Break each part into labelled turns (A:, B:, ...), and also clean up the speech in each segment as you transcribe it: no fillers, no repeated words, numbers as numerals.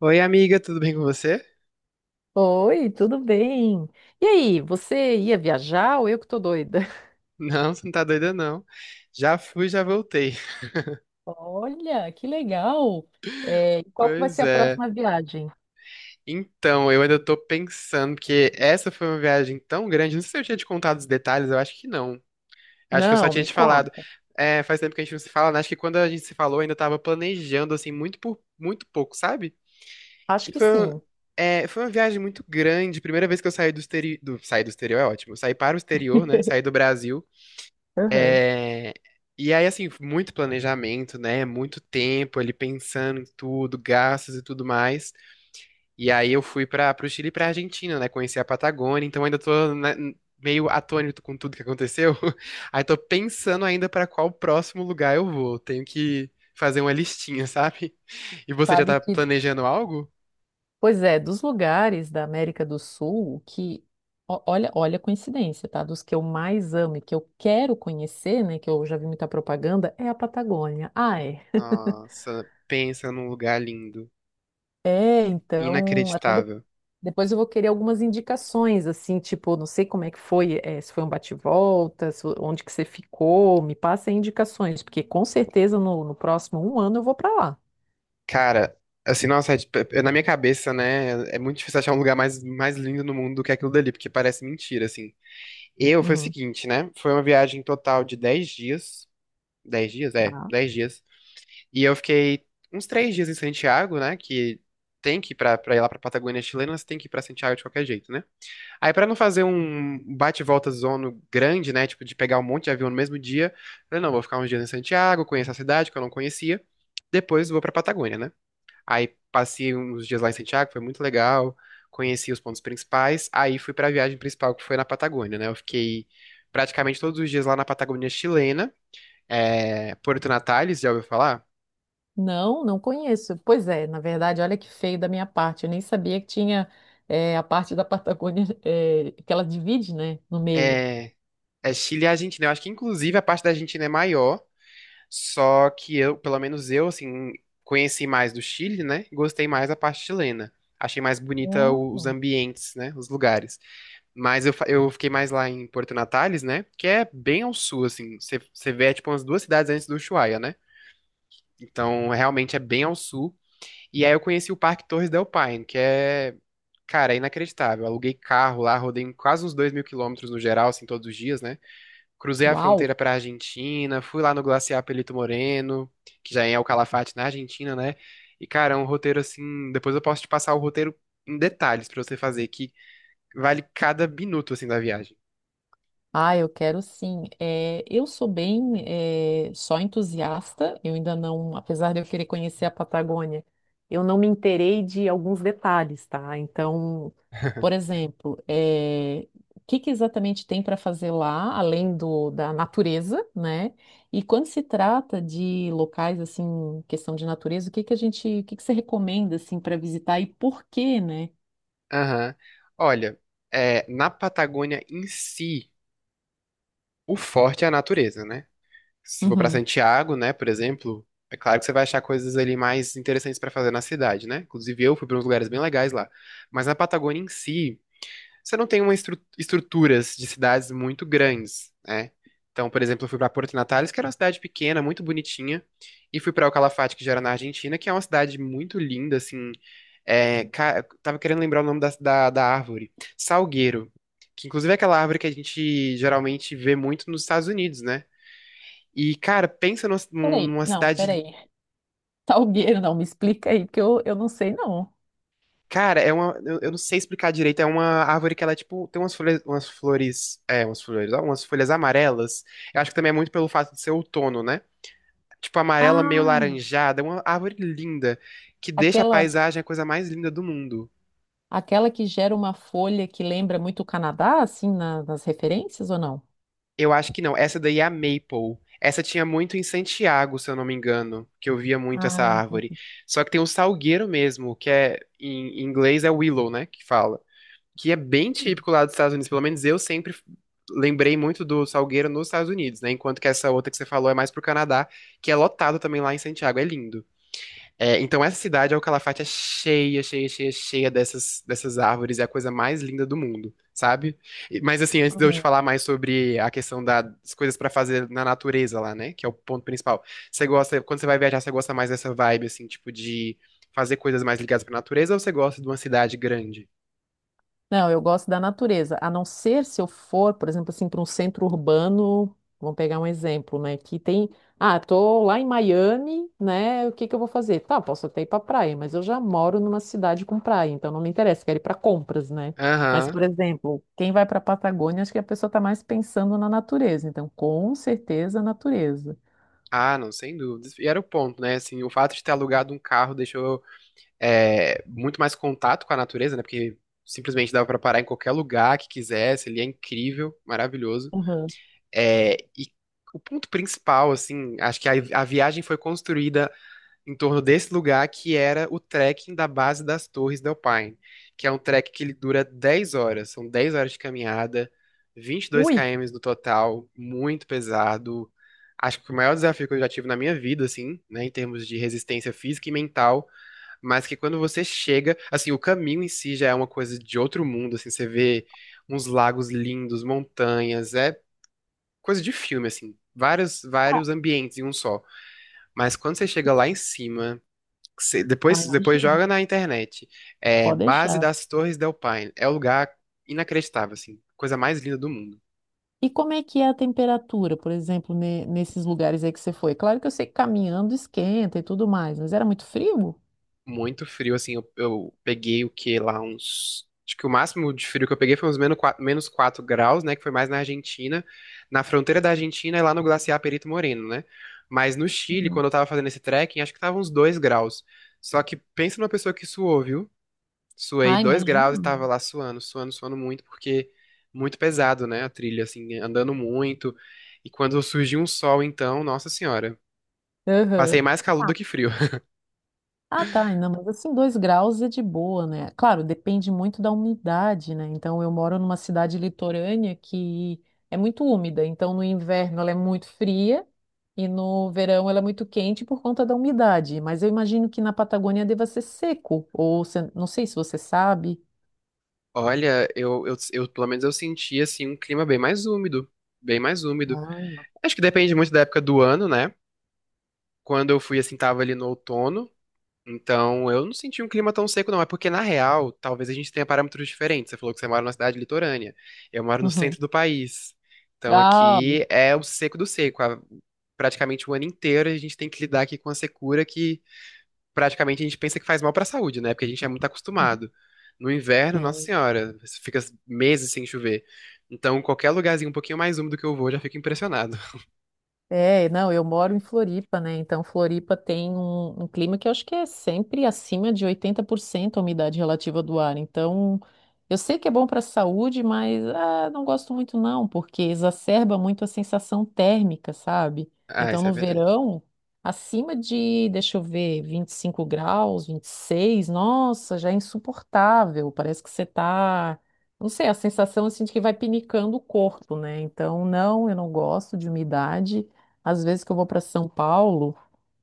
A: Oi, amiga, tudo bem com você?
B: Oi, tudo bem? E aí, você ia viajar ou eu que tô doida?
A: Não, você não tá doida, não. Já fui, já voltei.
B: Olha, que legal! É, e qual que vai
A: Pois
B: ser a
A: é.
B: próxima viagem?
A: Então, eu ainda tô pensando, porque essa foi uma viagem tão grande. Não sei se eu tinha te contado os detalhes, eu acho que não. Acho que eu só
B: Não,
A: tinha
B: me
A: te falado.
B: conta.
A: É, faz tempo que a gente não se fala, né? Acho que quando a gente se falou, eu ainda tava planejando, assim, muito por muito pouco, sabe?
B: Acho
A: E
B: que
A: foi, uma-
B: sim.
A: é, foi uma viagem muito grande. Primeira vez que eu saí do exterior. Saí do exterior é ótimo. Eu saí para o exterior, né? Saí do Brasil.
B: Aham.
A: É, E aí, assim, muito planejamento, né? Muito tempo ali pensando em tudo, gastos e tudo mais. E aí eu fui para o Chile e para Argentina, né? Conheci a Patagônia, então ainda tô, né, meio atônito com tudo que aconteceu. Aí tô pensando ainda para qual próximo lugar eu vou. Tenho que fazer uma listinha, sabe? E você já
B: Sabe
A: tá
B: que,
A: planejando algo?
B: Pois é, dos lugares da América do Sul o que, olha, olha a coincidência, tá? Dos que eu mais amo e que eu quero conhecer, né? Que eu já vi muita propaganda, é a Patagônia. Ah, é.
A: Nossa, pensa num lugar lindo,
B: É, então, até
A: inacreditável.
B: Depois eu vou querer algumas indicações, assim, tipo, não sei como é que foi, se foi um bate-volta, onde que você ficou, me passa aí indicações, porque com certeza no próximo um ano eu vou para lá.
A: Cara, assim, nossa, na minha cabeça, né, é muito difícil achar um lugar mais, mais lindo no mundo do que aquilo dali, porque parece mentira, assim. Eu, foi o
B: Uhum.
A: seguinte, né, foi uma viagem total de 10 dias, 10 dias, é,
B: Tá?
A: 10 dias, e eu fiquei uns 3 dias em Santiago, né, que tem que ir pra ir lá pra Patagônia chilena, você tem que ir pra Santiago de qualquer jeito, né. Aí pra não fazer um bate-volta zono grande, né, tipo, de pegar um monte de avião no mesmo dia, eu falei, não, vou ficar uns dias em Santiago, conhecer a cidade que eu não conhecia, depois vou pra Patagônia, né. Aí passei uns dias lá em Santiago, foi muito legal. Conheci os pontos principais. Aí fui pra viagem principal, que foi na Patagônia, né? Eu fiquei praticamente todos os dias lá na Patagônia chilena. É, Porto Natales, já ouviu falar?
B: Não, não conheço. Pois é, na verdade, olha que feio da minha parte. Eu nem sabia que tinha a parte da Patagônia que ela divide, né, no meio.
A: É, é Chile e Argentina. Eu acho que, inclusive, a parte da Argentina é maior. Só que eu, pelo menos eu, assim, conheci mais do Chile, né? E gostei mais da parte chilena. Achei mais bonita
B: Hum.
A: os ambientes, né? Os lugares. Mas eu fiquei mais lá em Porto Natales, né? Que é bem ao sul, assim. Você vê, é, tipo, umas duas cidades antes do Ushuaia, né? Então, realmente é bem ao sul. E aí eu conheci o Parque Torres del Paine, que é, cara, é inacreditável. Eu aluguei carro lá, rodei quase uns 2.000 quilômetros no geral, assim, todos os dias, né? Cruzei a
B: Uau!
A: fronteira pra Argentina, fui lá no Glaciar Pelito Moreno, que já é o Calafate na Argentina, né? E, cara, é um roteiro assim. Depois eu posso te passar o roteiro em detalhes pra você fazer, que vale cada minuto, assim, da viagem.
B: Ah, eu quero sim. É, eu sou bem só entusiasta, eu ainda não, apesar de eu querer conhecer a Patagônia, eu não me inteirei de alguns detalhes, tá? Então, por exemplo, o que que exatamente tem para fazer lá, da natureza, né? E quando se trata de locais, assim, questão de natureza, o que que você recomenda, assim, para visitar e por quê, né?
A: Aham. Olha, é, na Patagônia em si, o forte é a natureza, né? Se for pra
B: Uhum.
A: Santiago, né, por exemplo, é claro que você vai achar coisas ali mais interessantes pra fazer na cidade, né? Inclusive eu fui pra uns lugares bem legais lá. Mas na Patagônia em si, você não tem uma estruturas de cidades muito grandes, né? Então, por exemplo, eu fui pra Porto Natales, que era uma cidade pequena, muito bonitinha, e fui pra El Calafate, que já era na Argentina, que é uma cidade muito linda, assim, eu tava querendo lembrar o nome da árvore. Salgueiro. Que inclusive é aquela árvore que a gente geralmente vê muito nos Estados Unidos, né? E, cara, pensa numa, num-
B: Peraí,
A: numa
B: não,
A: cidade.
B: peraí. Talgueiro não, me explica aí, porque eu não sei, não.
A: Cara, é uma. Eu não sei explicar direito. É uma árvore que ela, é, tipo, tem umas folhas. Umas flores. É, umas flores. Ó, umas folhas amarelas. Eu acho que também é muito pelo fato de ser outono, né? Tipo, amarela meio
B: Ah,
A: laranjada. É uma árvore linda. Que deixa a
B: aquela,
A: paisagem a coisa mais linda do mundo.
B: aquela que gera uma folha que lembra muito o Canadá, assim, nas referências ou não?
A: Eu acho que não. Essa daí é a Maple. Essa tinha muito em Santiago, se eu não me engano, que eu via muito essa
B: Ah,
A: árvore.
B: entendi.
A: Só que tem o salgueiro mesmo, que é em inglês é willow, né, que fala, que é bem típico lá dos Estados Unidos. Pelo menos eu sempre lembrei muito do salgueiro nos Estados Unidos, né? Enquanto que essa outra que você falou é mais pro Canadá, que é lotado também lá em Santiago. É lindo. É, então essa cidade, é o Calafate, é cheia, cheia, cheia, cheia dessas árvores. É a coisa mais linda do mundo, sabe? Mas assim, antes de eu te
B: Uhum.
A: falar mais sobre a questão das coisas pra fazer na natureza lá, né? Que é o ponto principal. Você gosta, quando você vai viajar, você gosta mais dessa vibe, assim, tipo de fazer coisas mais ligadas pra natureza ou você gosta de uma cidade grande?
B: Não, eu gosto da natureza, a não ser se eu for, por exemplo, assim, para um centro urbano, vamos pegar um exemplo, né, ah, tô lá em Miami, né, o que que eu vou fazer? Tá, posso até ir para praia, mas eu já moro numa cidade com praia, então não me interessa, quero ir para compras, né? Mas,
A: Aham.
B: por exemplo, quem vai para a Patagônia, acho que a pessoa está mais pensando na natureza, então com certeza a natureza.
A: Ah, não, sem dúvidas. E era o ponto, né? Assim, o fato de ter alugado um carro deixou é, muito mais contato com a natureza, né? Porque simplesmente dava pra parar em qualquer lugar que quisesse, ele é incrível, maravilhoso.
B: Uhum.
A: É, e o ponto principal, assim, acho que a viagem foi construída em torno desse lugar que era o trekking da base das Torres del Paine, que é um trek que ele dura 10 horas, são 10 horas de caminhada, vinte e dois
B: Ui.
A: km no total, muito pesado. Acho que o maior desafio que eu já tive na minha vida, assim, né, em termos de resistência física e mental, mas que quando você chega, assim, o caminho em si já é uma coisa de outro mundo, assim, você vê uns lagos lindos, montanhas, é coisa de filme, assim, vários,
B: Ah,
A: vários ambientes em um só. Mas quando você chega
B: e-
A: lá em cima, que
B: ah,
A: depois
B: imagino,
A: joga na internet, é
B: pode
A: Base
B: deixar.
A: das Torres del Paine, é um lugar inacreditável, assim, coisa mais linda do mundo.
B: E como é que é a temperatura, por exemplo, nesses lugares aí que você foi? Claro que eu sei que caminhando esquenta e tudo mais, mas era muito frio?
A: Muito frio, assim, eu peguei o que lá uns. Acho que o máximo de frio que eu peguei foi uns menos quatro graus, né? Que foi mais na Argentina, na fronteira da Argentina e lá no glaciar Perito Moreno, né? Mas no Chile,
B: Uhum.
A: quando eu tava fazendo esse trekking, acho que tava uns 2 graus. Só que pensa numa pessoa que suou, viu? Suei
B: Ah,
A: 2 graus e
B: imagino.
A: tava lá suando, suando, suando muito, porque muito pesado, né? A trilha, assim, andando muito. E quando surgiu um sol, então, nossa senhora,
B: Aham.
A: passei mais calor
B: Ah,
A: do que frio.
B: ah, tá, não, mas assim, dois graus é de boa, né? Claro, depende muito da umidade, né? Então, eu moro numa cidade litorânea que é muito úmida, então no inverno ela é muito fria e no verão ela é muito quente por conta da umidade. Mas eu imagino que na Patagônia deva ser seco, ou não sei se você sabe.
A: Olha, eu pelo menos eu senti assim um clima bem mais úmido, bem mais úmido.
B: Ah.
A: Acho que depende muito da época do ano, né? Quando eu fui assim tava ali no outono, então eu não senti um clima tão seco não, é porque na real, talvez a gente tenha parâmetros diferentes. Você falou que você mora numa cidade litorânea, eu moro no
B: Uhum.
A: centro do país. Então
B: Ah,
A: aqui é o seco do seco, praticamente o ano inteiro a gente tem que lidar aqui com a secura que praticamente a gente pensa que faz mal pra saúde, né? Porque a gente é muito
B: uhum.
A: acostumado. No inverno, nossa
B: Sim.
A: senhora, você fica meses sem chover. Então, qualquer lugarzinho um pouquinho mais úmido que eu vou, eu já fico impressionado.
B: É, não, eu moro em Floripa, né? Então, Floripa tem um clima que eu acho que é sempre acima de 80% a umidade relativa do ar. Então, eu sei que é bom para a saúde, mas ah, não gosto muito não, porque exacerba muito a sensação térmica, sabe?
A: Ah,
B: Então,
A: isso é
B: no
A: verdade.
B: verão, acima de, deixa eu ver, 25 graus, 26, nossa, já é insuportável. Parece que você tá, não sei, a sensação assim de que vai pinicando o corpo, né? Então, não, eu não gosto de umidade. Às vezes que eu vou para São Paulo,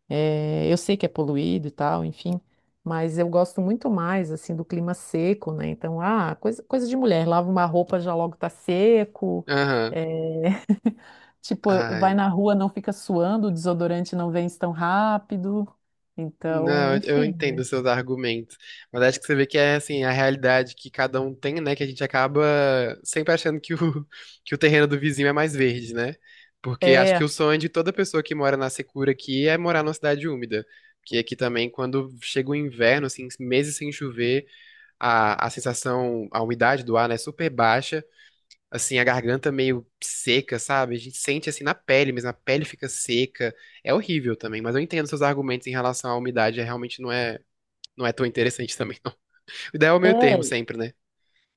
B: eu sei que é poluído e tal, enfim, mas eu gosto muito mais assim do clima seco, né? Então, ah, coisa de mulher, lava uma roupa já logo tá seco,
A: Aham.
B: eh, tipo,
A: Ah,
B: vai na rua, não fica suando, o desodorante não vence tão rápido. Então,
A: não, eu
B: enfim,
A: entendo
B: né?
A: os seus argumentos, mas acho que você vê que é assim a realidade que cada um tem, né? Que a gente acaba sempre achando que que o terreno do vizinho é mais verde, né? Porque acho que
B: É.
A: o sonho de toda pessoa que mora na secura aqui é morar numa cidade úmida. Porque aqui também, quando chega o inverno, assim, meses sem chover, a sensação, a umidade do ar, né, é super baixa assim, a garganta meio seca, sabe? A gente sente assim na pele, mas a pele fica seca. É horrível também, mas eu entendo seus argumentos em relação à umidade, é, realmente não é, não é tão interessante também, não. O ideal é o meio termo
B: É,
A: sempre, né?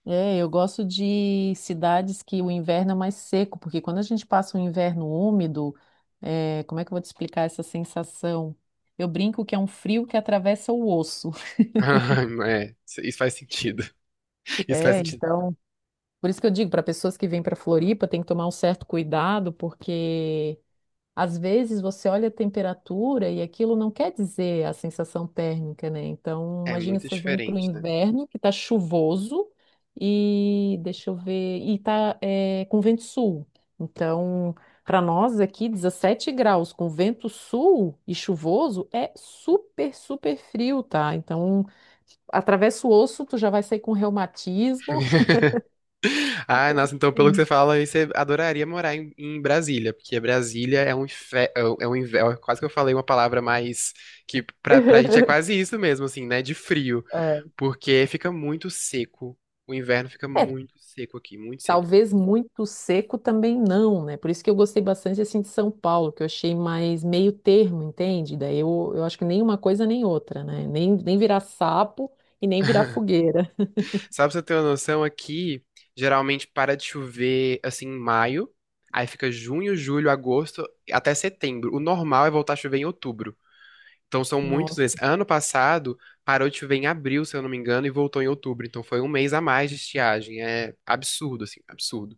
B: É, eu gosto de cidades que o inverno é mais seco, porque quando a gente passa um inverno úmido, é, como é que eu vou te explicar essa sensação? Eu brinco que é um frio que atravessa o osso.
A: É, isso faz sentido. Isso faz
B: É,
A: sentido.
B: então. Por isso que eu digo, para pessoas que vêm para Floripa, tem que tomar um certo cuidado, porque às vezes você olha a temperatura e aquilo não quer dizer a sensação térmica, né? Então,
A: É
B: imagina
A: muito
B: você vem para o
A: diferente, né?
B: inverno que está chuvoso e deixa eu ver, e tá é, com vento sul. Então, para nós aqui, 17 graus com vento sul e chuvoso é super, super frio, tá? Então, atravessa o osso, tu já vai sair com reumatismo.
A: Ah, nossa, então pelo que
B: Sim.
A: você fala, aí você adoraria morar em, em Brasília, porque Brasília é um, é um é. Quase que eu falei uma palavra mais que, pra pra gente, é quase isso mesmo, assim, né? De frio.
B: É.
A: Porque fica muito seco. O inverno fica
B: É,
A: muito seco aqui, muito seco.
B: Talvez muito seco também não, né? Por isso que eu gostei bastante assim de São Paulo, que eu achei mais meio termo, entende? Daí eu acho que nem uma coisa nem outra, né? Nem, nem virar sapo e nem virar fogueira.
A: Só pra você ter uma noção, aqui geralmente para de chover assim em maio, aí fica junho, julho, agosto até setembro. O normal é voltar a chover em outubro. Então são muitos
B: Nossa,
A: meses. Ano passado parou de chover em abril, se eu não me engano, e voltou em outubro. Então foi um mês a mais de estiagem. É absurdo, assim, absurdo.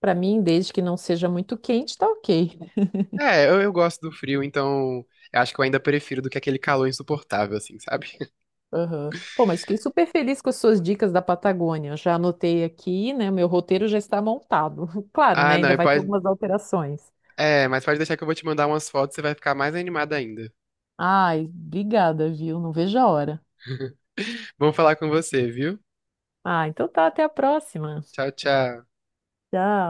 B: pra mim, desde que não seja muito quente, tá ok.
A: É, eu gosto do frio, então eu acho que eu ainda prefiro do que aquele calor insuportável, assim, sabe?
B: Aham. Pô, mas fiquei super feliz com as suas dicas da Patagônia. Eu já anotei aqui, né? O meu roteiro já está montado. Claro,
A: Ah,
B: né?
A: não,
B: Ainda vai ter algumas alterações.
A: Mas pode deixar que eu vou te mandar umas fotos, você vai ficar mais animada ainda.
B: Ai, obrigada, viu? Não vejo a hora.
A: Bom falar com você, viu?
B: Ah, então tá, até a próxima.
A: Tchau, tchau.
B: Tchau.